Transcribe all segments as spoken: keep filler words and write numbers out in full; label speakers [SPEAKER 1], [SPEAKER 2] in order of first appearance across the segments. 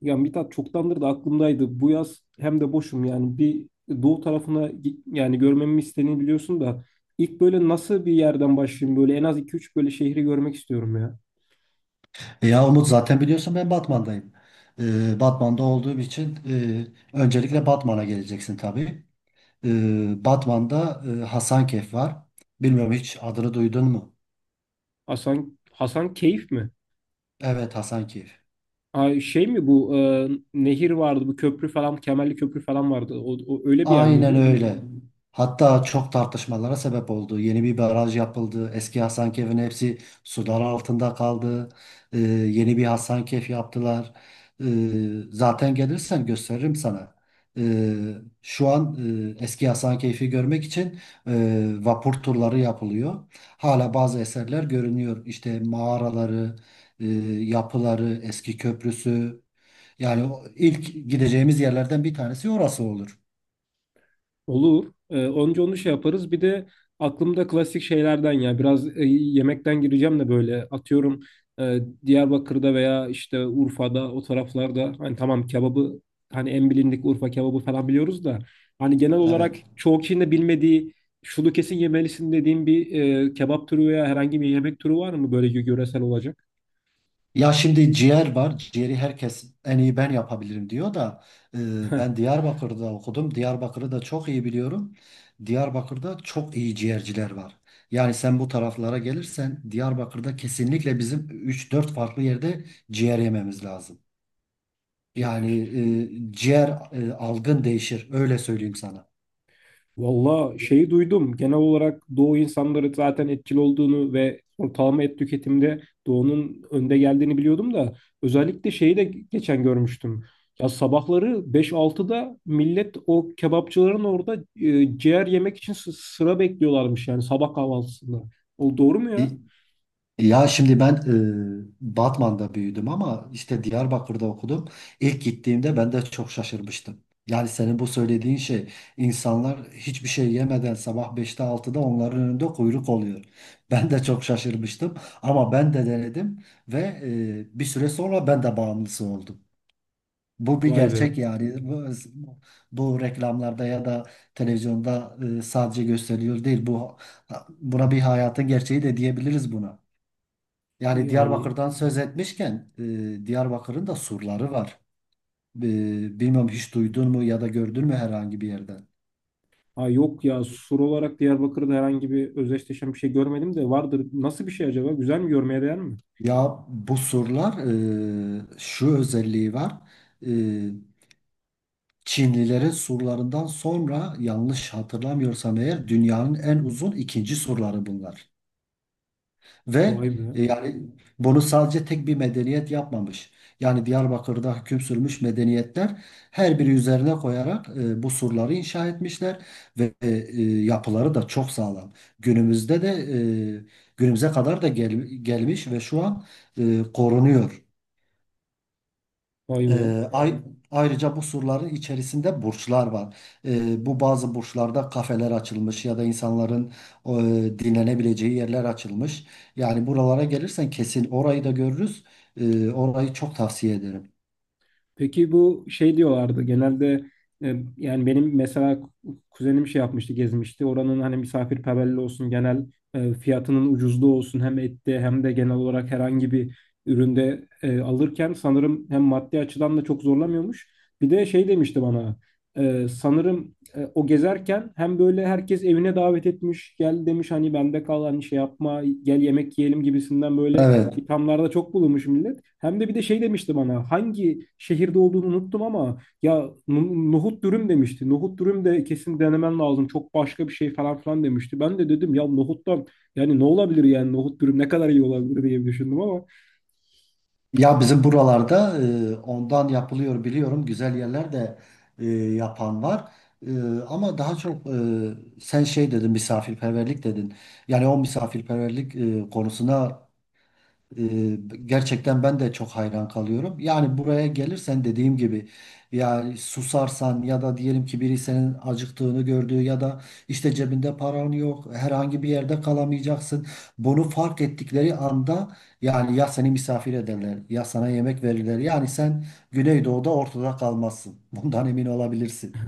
[SPEAKER 1] Ya Mithat, çoktandır da aklımdaydı. Bu yaz hem de boşum, yani bir doğu tarafına gi- yani görmemi istediğini biliyorsun da ilk böyle nasıl bir yerden başlayayım, böyle en az iki üç böyle şehri görmek istiyorum ya.
[SPEAKER 2] E Ya Umut zaten biliyorsun ben Batman'dayım. Ee, Batman'da olduğum için e, öncelikle Batman'a geleceksin tabii. Ee, Batman'da e, Hasankeyf var. Bilmiyorum hiç adını duydun mu?
[SPEAKER 1] Hasan Hasan Keyif mi?
[SPEAKER 2] Evet Hasankeyf.
[SPEAKER 1] Ay, şey mi bu? E, nehir vardı, bu köprü falan, Kemerli Köprü falan vardı. O, o öyle bir yer
[SPEAKER 2] Aynen
[SPEAKER 1] miydi?
[SPEAKER 2] öyle. Hatta çok tartışmalara sebep oldu. Yeni bir baraj yapıldı. Eski Hasankeyf'in hepsi sular altında kaldı. Ee, yeni bir Hasankeyf yaptılar. Ee, Zaten gelirsen gösteririm sana. Ee, Şu an e, eski Hasankeyf'i görmek için e, vapur turları yapılıyor. Hala bazı eserler görünüyor. İşte mağaraları, e, yapıları, eski köprüsü. Yani o ilk gideceğimiz yerlerden bir tanesi orası olur.
[SPEAKER 1] Olur. Ee, önce onu şey yaparız. Bir de aklımda klasik şeylerden, ya biraz e, yemekten gireceğim de böyle atıyorum, e, Diyarbakır'da veya işte Urfa'da o taraflarda, hani tamam kebabı, hani en bilindik Urfa kebabı falan biliyoruz da hani genel olarak
[SPEAKER 2] Evet.
[SPEAKER 1] çoğu kişinin de bilmediği, şunu kesin yemelisin dediğim bir e, kebap türü veya herhangi bir yemek türü var mı, böyle yö- yöresel olacak?
[SPEAKER 2] Ya şimdi ciğer var. Ciğeri herkes en iyi ben yapabilirim diyor da e, ben Diyarbakır'da okudum. Diyarbakır'ı da çok iyi biliyorum. Diyarbakır'da çok iyi ciğerciler var. Yani sen bu taraflara gelirsen Diyarbakır'da kesinlikle bizim üç dört farklı yerde ciğer yememiz lazım. Yani
[SPEAKER 1] Ciğer.
[SPEAKER 2] e, ciğer e, algın değişir. Öyle söyleyeyim sana.
[SPEAKER 1] Valla şeyi duydum. Genel olarak Doğu insanları zaten etkili olduğunu ve ortalama et tüketimde Doğu'nun önde geldiğini biliyordum da özellikle şeyi de geçen görmüştüm. Ya sabahları beş altıda millet o kebapçıların orada e, ciğer yemek için sı- sıra bekliyorlarmış, yani sabah kahvaltısında. O doğru mu ya?
[SPEAKER 2] Ya şimdi ben e, Batman'da büyüdüm ama işte Diyarbakır'da okudum. İlk gittiğimde ben de çok şaşırmıştım. Yani senin bu söylediğin şey insanlar hiçbir şey yemeden sabah beşte altıda onların önünde kuyruk oluyor. Ben de çok şaşırmıştım ama ben de denedim ve e, bir süre sonra ben de bağımlısı oldum. Bu bir
[SPEAKER 1] Vay
[SPEAKER 2] gerçek
[SPEAKER 1] be.
[SPEAKER 2] yani. Bu, bu reklamlarda ya da televizyonda e, sadece gösteriliyor değil. Bu buna bir hayatın gerçeği de diyebiliriz buna. Yani
[SPEAKER 1] Yani
[SPEAKER 2] Diyarbakır'dan söz etmişken e, Diyarbakır'ın da surları var. E, Bilmiyorum hiç duydun mu ya da gördün mü herhangi bir yerden?
[SPEAKER 1] ay, yok ya, sur olarak Diyarbakır'da herhangi bir özdeşleşen bir şey görmedim de vardır. Nasıl bir şey acaba? Güzel mi? Görmeye değer mi?
[SPEAKER 2] Ya bu surlar e, şu özelliği var. E, Çinlilerin surlarından sonra yanlış hatırlamıyorsam eğer dünyanın en uzun ikinci surları bunlar. Ve
[SPEAKER 1] Vay be.
[SPEAKER 2] e, yani bunu sadece tek bir medeniyet yapmamış. Yani Diyarbakır'da hüküm sürmüş medeniyetler her biri üzerine koyarak e, bu surları inşa etmişler ve e, e, yapıları da çok sağlam. Günümüzde de e, günümüze kadar da gel- gelmiş ve şu an e, korunuyor.
[SPEAKER 1] Vay be.
[SPEAKER 2] Ee, ay- Ayrıca bu surların içerisinde burçlar var. Ee, bu bazı burçlarda kafeler açılmış ya da insanların e, dinlenebileceği yerler açılmış. Yani buralara gelirsen kesin orayı da görürüz. Ee, orayı çok tavsiye ederim.
[SPEAKER 1] Peki, bu şey diyorlardı genelde, e, yani benim mesela ku- kuzenim şey yapmıştı, gezmişti, oranın hani misafirperverliği olsun, genel e, fiyatının ucuzluğu olsun, hem ette hem de genel olarak herhangi bir üründe e, alırken, sanırım hem maddi açıdan da çok zorlamıyormuş. Bir de şey demişti bana, e, sanırım e, o gezerken hem böyle herkes evine davet etmiş, gel demiş, hani bende kal, hani şey yapma gel yemek yiyelim gibisinden, böyle
[SPEAKER 2] Evet.
[SPEAKER 1] İthamlarda çok bulunmuş millet. Hem de bir de şey demişti bana. Hangi şehirde olduğunu unuttum ama ya, N- nohut dürüm demişti. Nohut dürüm de kesin denemen lazım. Çok başka bir şey falan filan demişti. Ben de dedim, ya nohuttan yani ne olabilir yani, nohut dürüm ne kadar iyi olabilir diye bir düşündüm ama
[SPEAKER 2] Ya bizim buralarda e, ondan yapılıyor biliyorum. Güzel yerler de e, yapan var. E, Ama daha çok e, sen şey dedin, misafirperverlik dedin. Yani o misafirperverlik e, konusuna Ee, gerçekten ben de çok hayran kalıyorum. Yani buraya gelirsen dediğim gibi ya susarsan ya da diyelim ki biri senin acıktığını gördüğü ya da işte cebinde paran yok, herhangi bir yerde kalamayacaksın. Bunu fark ettikleri anda yani ya seni misafir ederler ya sana yemek verirler. Yani sen Güneydoğu'da ortada kalmazsın. Bundan emin olabilirsin.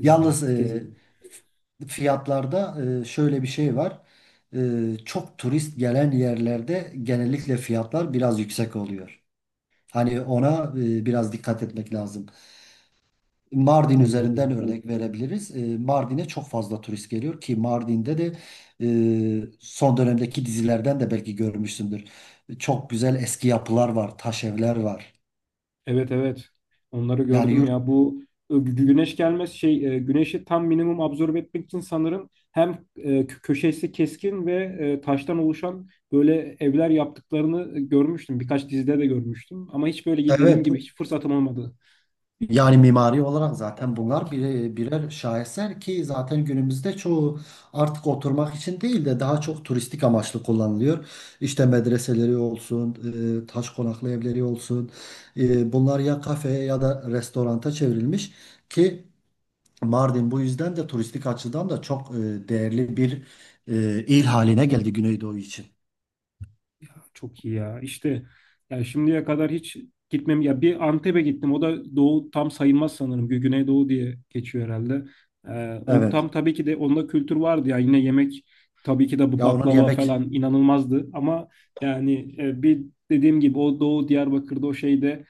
[SPEAKER 1] iyi ya.
[SPEAKER 2] Yalnız
[SPEAKER 1] Kes-
[SPEAKER 2] e, fiyatlarda e, şöyle bir şey var. E, çok turist gelen yerlerde genellikle fiyatlar biraz yüksek oluyor. Hani ona e, biraz dikkat etmek lazım. Mardin üzerinden
[SPEAKER 1] anladım.
[SPEAKER 2] örnek verebiliriz. E, Mardin'e çok fazla turist geliyor ki Mardin'de de e, son dönemdeki dizilerden de belki görmüşsündür. Çok güzel eski yapılar var, taş evler var.
[SPEAKER 1] Evet, evet. Onları
[SPEAKER 2] Yani
[SPEAKER 1] gördüm
[SPEAKER 2] yurt.
[SPEAKER 1] ya. Bu e, gü- güneş gelmez şey, e, güneşi tam minimum absorbe etmek için sanırım hem e, kö- köşesi keskin ve e, taştan oluşan böyle evler yaptıklarını e, görmüştüm. Birkaç dizide de görmüştüm. Ama hiç böyle dediğim
[SPEAKER 2] Evet.
[SPEAKER 1] gibi hiç fırsatım olmadı.
[SPEAKER 2] Yani mimari olarak zaten bunlar bire- birer şaheser ki zaten günümüzde çoğu artık oturmak için değil de daha çok turistik amaçlı kullanılıyor. İşte medreseleri olsun, e, taş konaklı evleri olsun. E, Bunlar ya kafeye ya da restoranta çevrilmiş ki Mardin bu yüzden de turistik açıdan da çok e, değerli bir e, il haline geldi Güneydoğu için.
[SPEAKER 1] Çok iyi ya. İşte, ya şimdiye kadar hiç gitmem, ya bir Antep'e gittim. O da doğu tam sayılmaz sanırım. Gü- Güneydoğu diye geçiyor herhalde. Ee, o
[SPEAKER 2] Evet.
[SPEAKER 1] tam tabii ki de onda kültür vardı ya. Yine yemek tabii ki de bu
[SPEAKER 2] Ya onun Hmm.
[SPEAKER 1] baklava
[SPEAKER 2] yemek.
[SPEAKER 1] falan inanılmazdı ama yani, e, bir dediğim gibi o Doğu Diyarbakır'da o şeyde,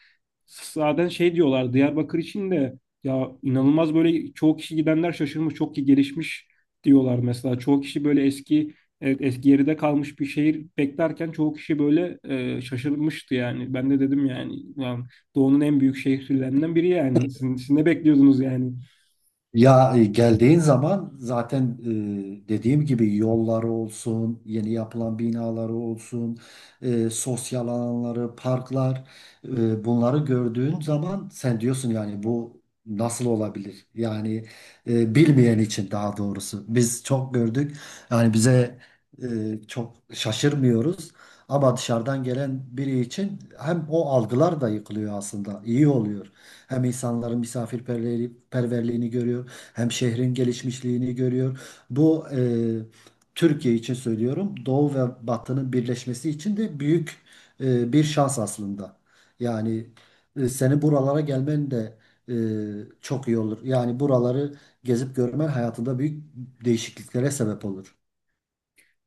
[SPEAKER 1] zaten şey diyorlar Diyarbakır için de, ya inanılmaz, böyle çoğu kişi gidenler şaşırmış çok ki gelişmiş diyorlar mesela. Çoğu kişi böyle eski, evet, es- geride kalmış bir şehir beklerken çoğu kişi böyle e, şaşırmıştı yani. Ben de dedim yani, "Lan, Doğu'nun en büyük şehirlerinden biri yani. Siz, siz ne bekliyordunuz yani?"
[SPEAKER 2] Ya e, geldiğin zaman zaten e, dediğim gibi yolları olsun, yeni yapılan binaları olsun, e, sosyal alanları, parklar, e, bunları gördüğün zaman sen diyorsun yani bu nasıl olabilir? Yani e, bilmeyen için daha doğrusu. Biz çok gördük. Yani bize e, çok şaşırmıyoruz. Ama dışarıdan gelen biri için hem o algılar da yıkılıyor aslında. İyi oluyor. Hem insanların misafirperverliğini görüyor, hem şehrin gelişmişliğini görüyor. Bu e, Türkiye için söylüyorum. Doğu ve Batı'nın birleşmesi için de büyük e, bir şans aslında. Yani e, senin buralara gelmen de e, çok iyi olur. Yani buraları gezip görmen hayatında büyük değişikliklere sebep olur.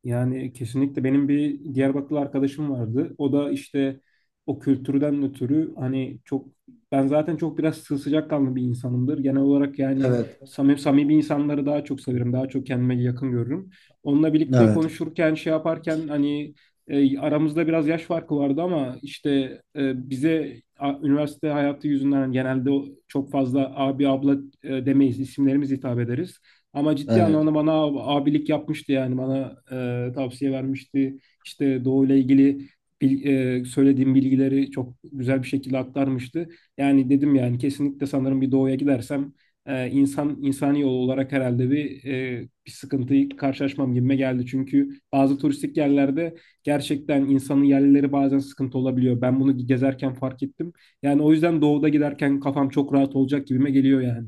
[SPEAKER 1] Yani kesinlikle, benim bir Diyarbakırlı arkadaşım vardı. O da işte o kültürden ötürü hani çok, ben zaten çok biraz sı- sıcakkanlı bir insanımdır. Genel olarak yani
[SPEAKER 2] Evet,
[SPEAKER 1] samimi, samimi insanları daha çok severim. Daha çok kendime yakın görürüm. Onunla birlikte
[SPEAKER 2] evet,
[SPEAKER 1] konuşurken şey yaparken hani e, aramızda biraz yaş farkı vardı ama işte e, bize a- üniversite hayatı yüzünden genelde o- çok fazla abi abla e, demeyiz. İsimlerimiz hitap ederiz. Ama ciddi
[SPEAKER 2] evet.
[SPEAKER 1] anlamda bana ab- abilik yapmıştı yani bana e, tavsiye vermişti. İşte Doğu ile ilgili bil- e, söylediğim bilgileri çok güzel bir şekilde aktarmıştı. Yani dedim yani, kesinlikle sanırım bir Doğu'ya gidersem e, insan insani yol olarak herhalde bir e, bir sıkıntıyı karşılaşmam gibime geldi. Çünkü bazı turistik yerlerde gerçekten insanın yerlileri bazen sıkıntı olabiliyor. Ben bunu gezerken fark ettim. Yani o yüzden doğuda giderken kafam çok rahat olacak gibime geliyor yani.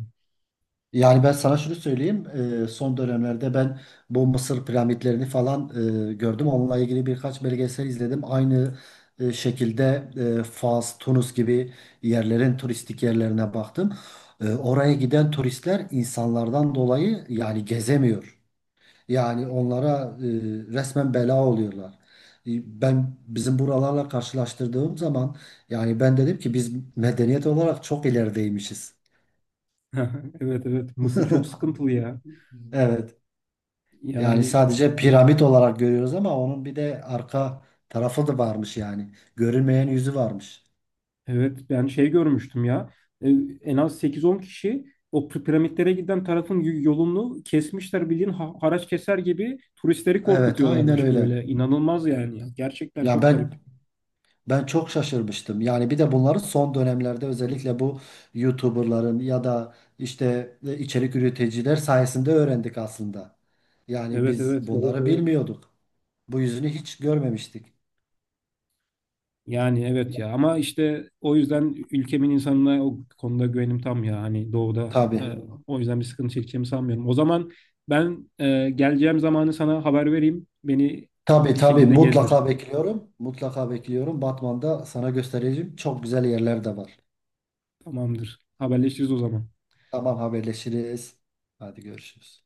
[SPEAKER 2] Yani ben sana şunu söyleyeyim. E, son dönemlerde ben bu Mısır piramitlerini falan e, gördüm. Onunla ilgili birkaç belgesel izledim. Aynı e, şekilde e, Fas, Tunus gibi yerlerin turistik yerlerine baktım. E, oraya giden turistler insanlardan dolayı yani gezemiyor. Yani onlara e, resmen bela oluyorlar. E, Ben bizim buralarla karşılaştırdığım zaman yani ben dedim ki biz medeniyet olarak çok ilerideymişiz.
[SPEAKER 1] Evet, evet, Mısır çok sıkıntılı ya.
[SPEAKER 2] Evet. Yani
[SPEAKER 1] Yani
[SPEAKER 2] sadece piramit olarak görüyoruz ama onun bir de arka tarafı da varmış yani. Görünmeyen yüzü varmış.
[SPEAKER 1] evet, ben şey görmüştüm ya. E, En az sekiz on kişi o p- piramitlere giden tarafın y- yolunu kesmişler, bildiğin ha- haraç keser gibi turistleri
[SPEAKER 2] Evet, aynen
[SPEAKER 1] korkutuyorlarmış
[SPEAKER 2] öyle.
[SPEAKER 1] böyle. İnanılmaz yani ya. Gerçekten
[SPEAKER 2] Ya
[SPEAKER 1] çok garip.
[SPEAKER 2] ben ben çok şaşırmıştım. Yani bir de bunları son dönemlerde özellikle bu YouTuber'ların ya da işte içerik üreticiler sayesinde öğrendik aslında. Yani
[SPEAKER 1] Evet,
[SPEAKER 2] biz,
[SPEAKER 1] evet.
[SPEAKER 2] evet, bunları, evet, bilmiyorduk. Bu yüzünü hiç görmemiştik.
[SPEAKER 1] Yani evet ya, ama işte o yüzden ülkemin insanına o konuda güvenim tam ya, hani doğuda
[SPEAKER 2] Tabii.
[SPEAKER 1] e, o yüzden bir sıkıntı çekeceğimi sanmıyorum. O zaman ben e, geleceğim zamanı sana haber vereyim. Beni
[SPEAKER 2] Tabii,
[SPEAKER 1] bir
[SPEAKER 2] tabii,
[SPEAKER 1] şekilde gezdir.
[SPEAKER 2] mutlaka bekliyorum. Mutlaka bekliyorum. Batman'da sana göstereceğim. Çok güzel yerler de var.
[SPEAKER 1] Tamamdır. Haberleşiriz o zaman.
[SPEAKER 2] Tamam, haberleşiriz. Hadi görüşürüz.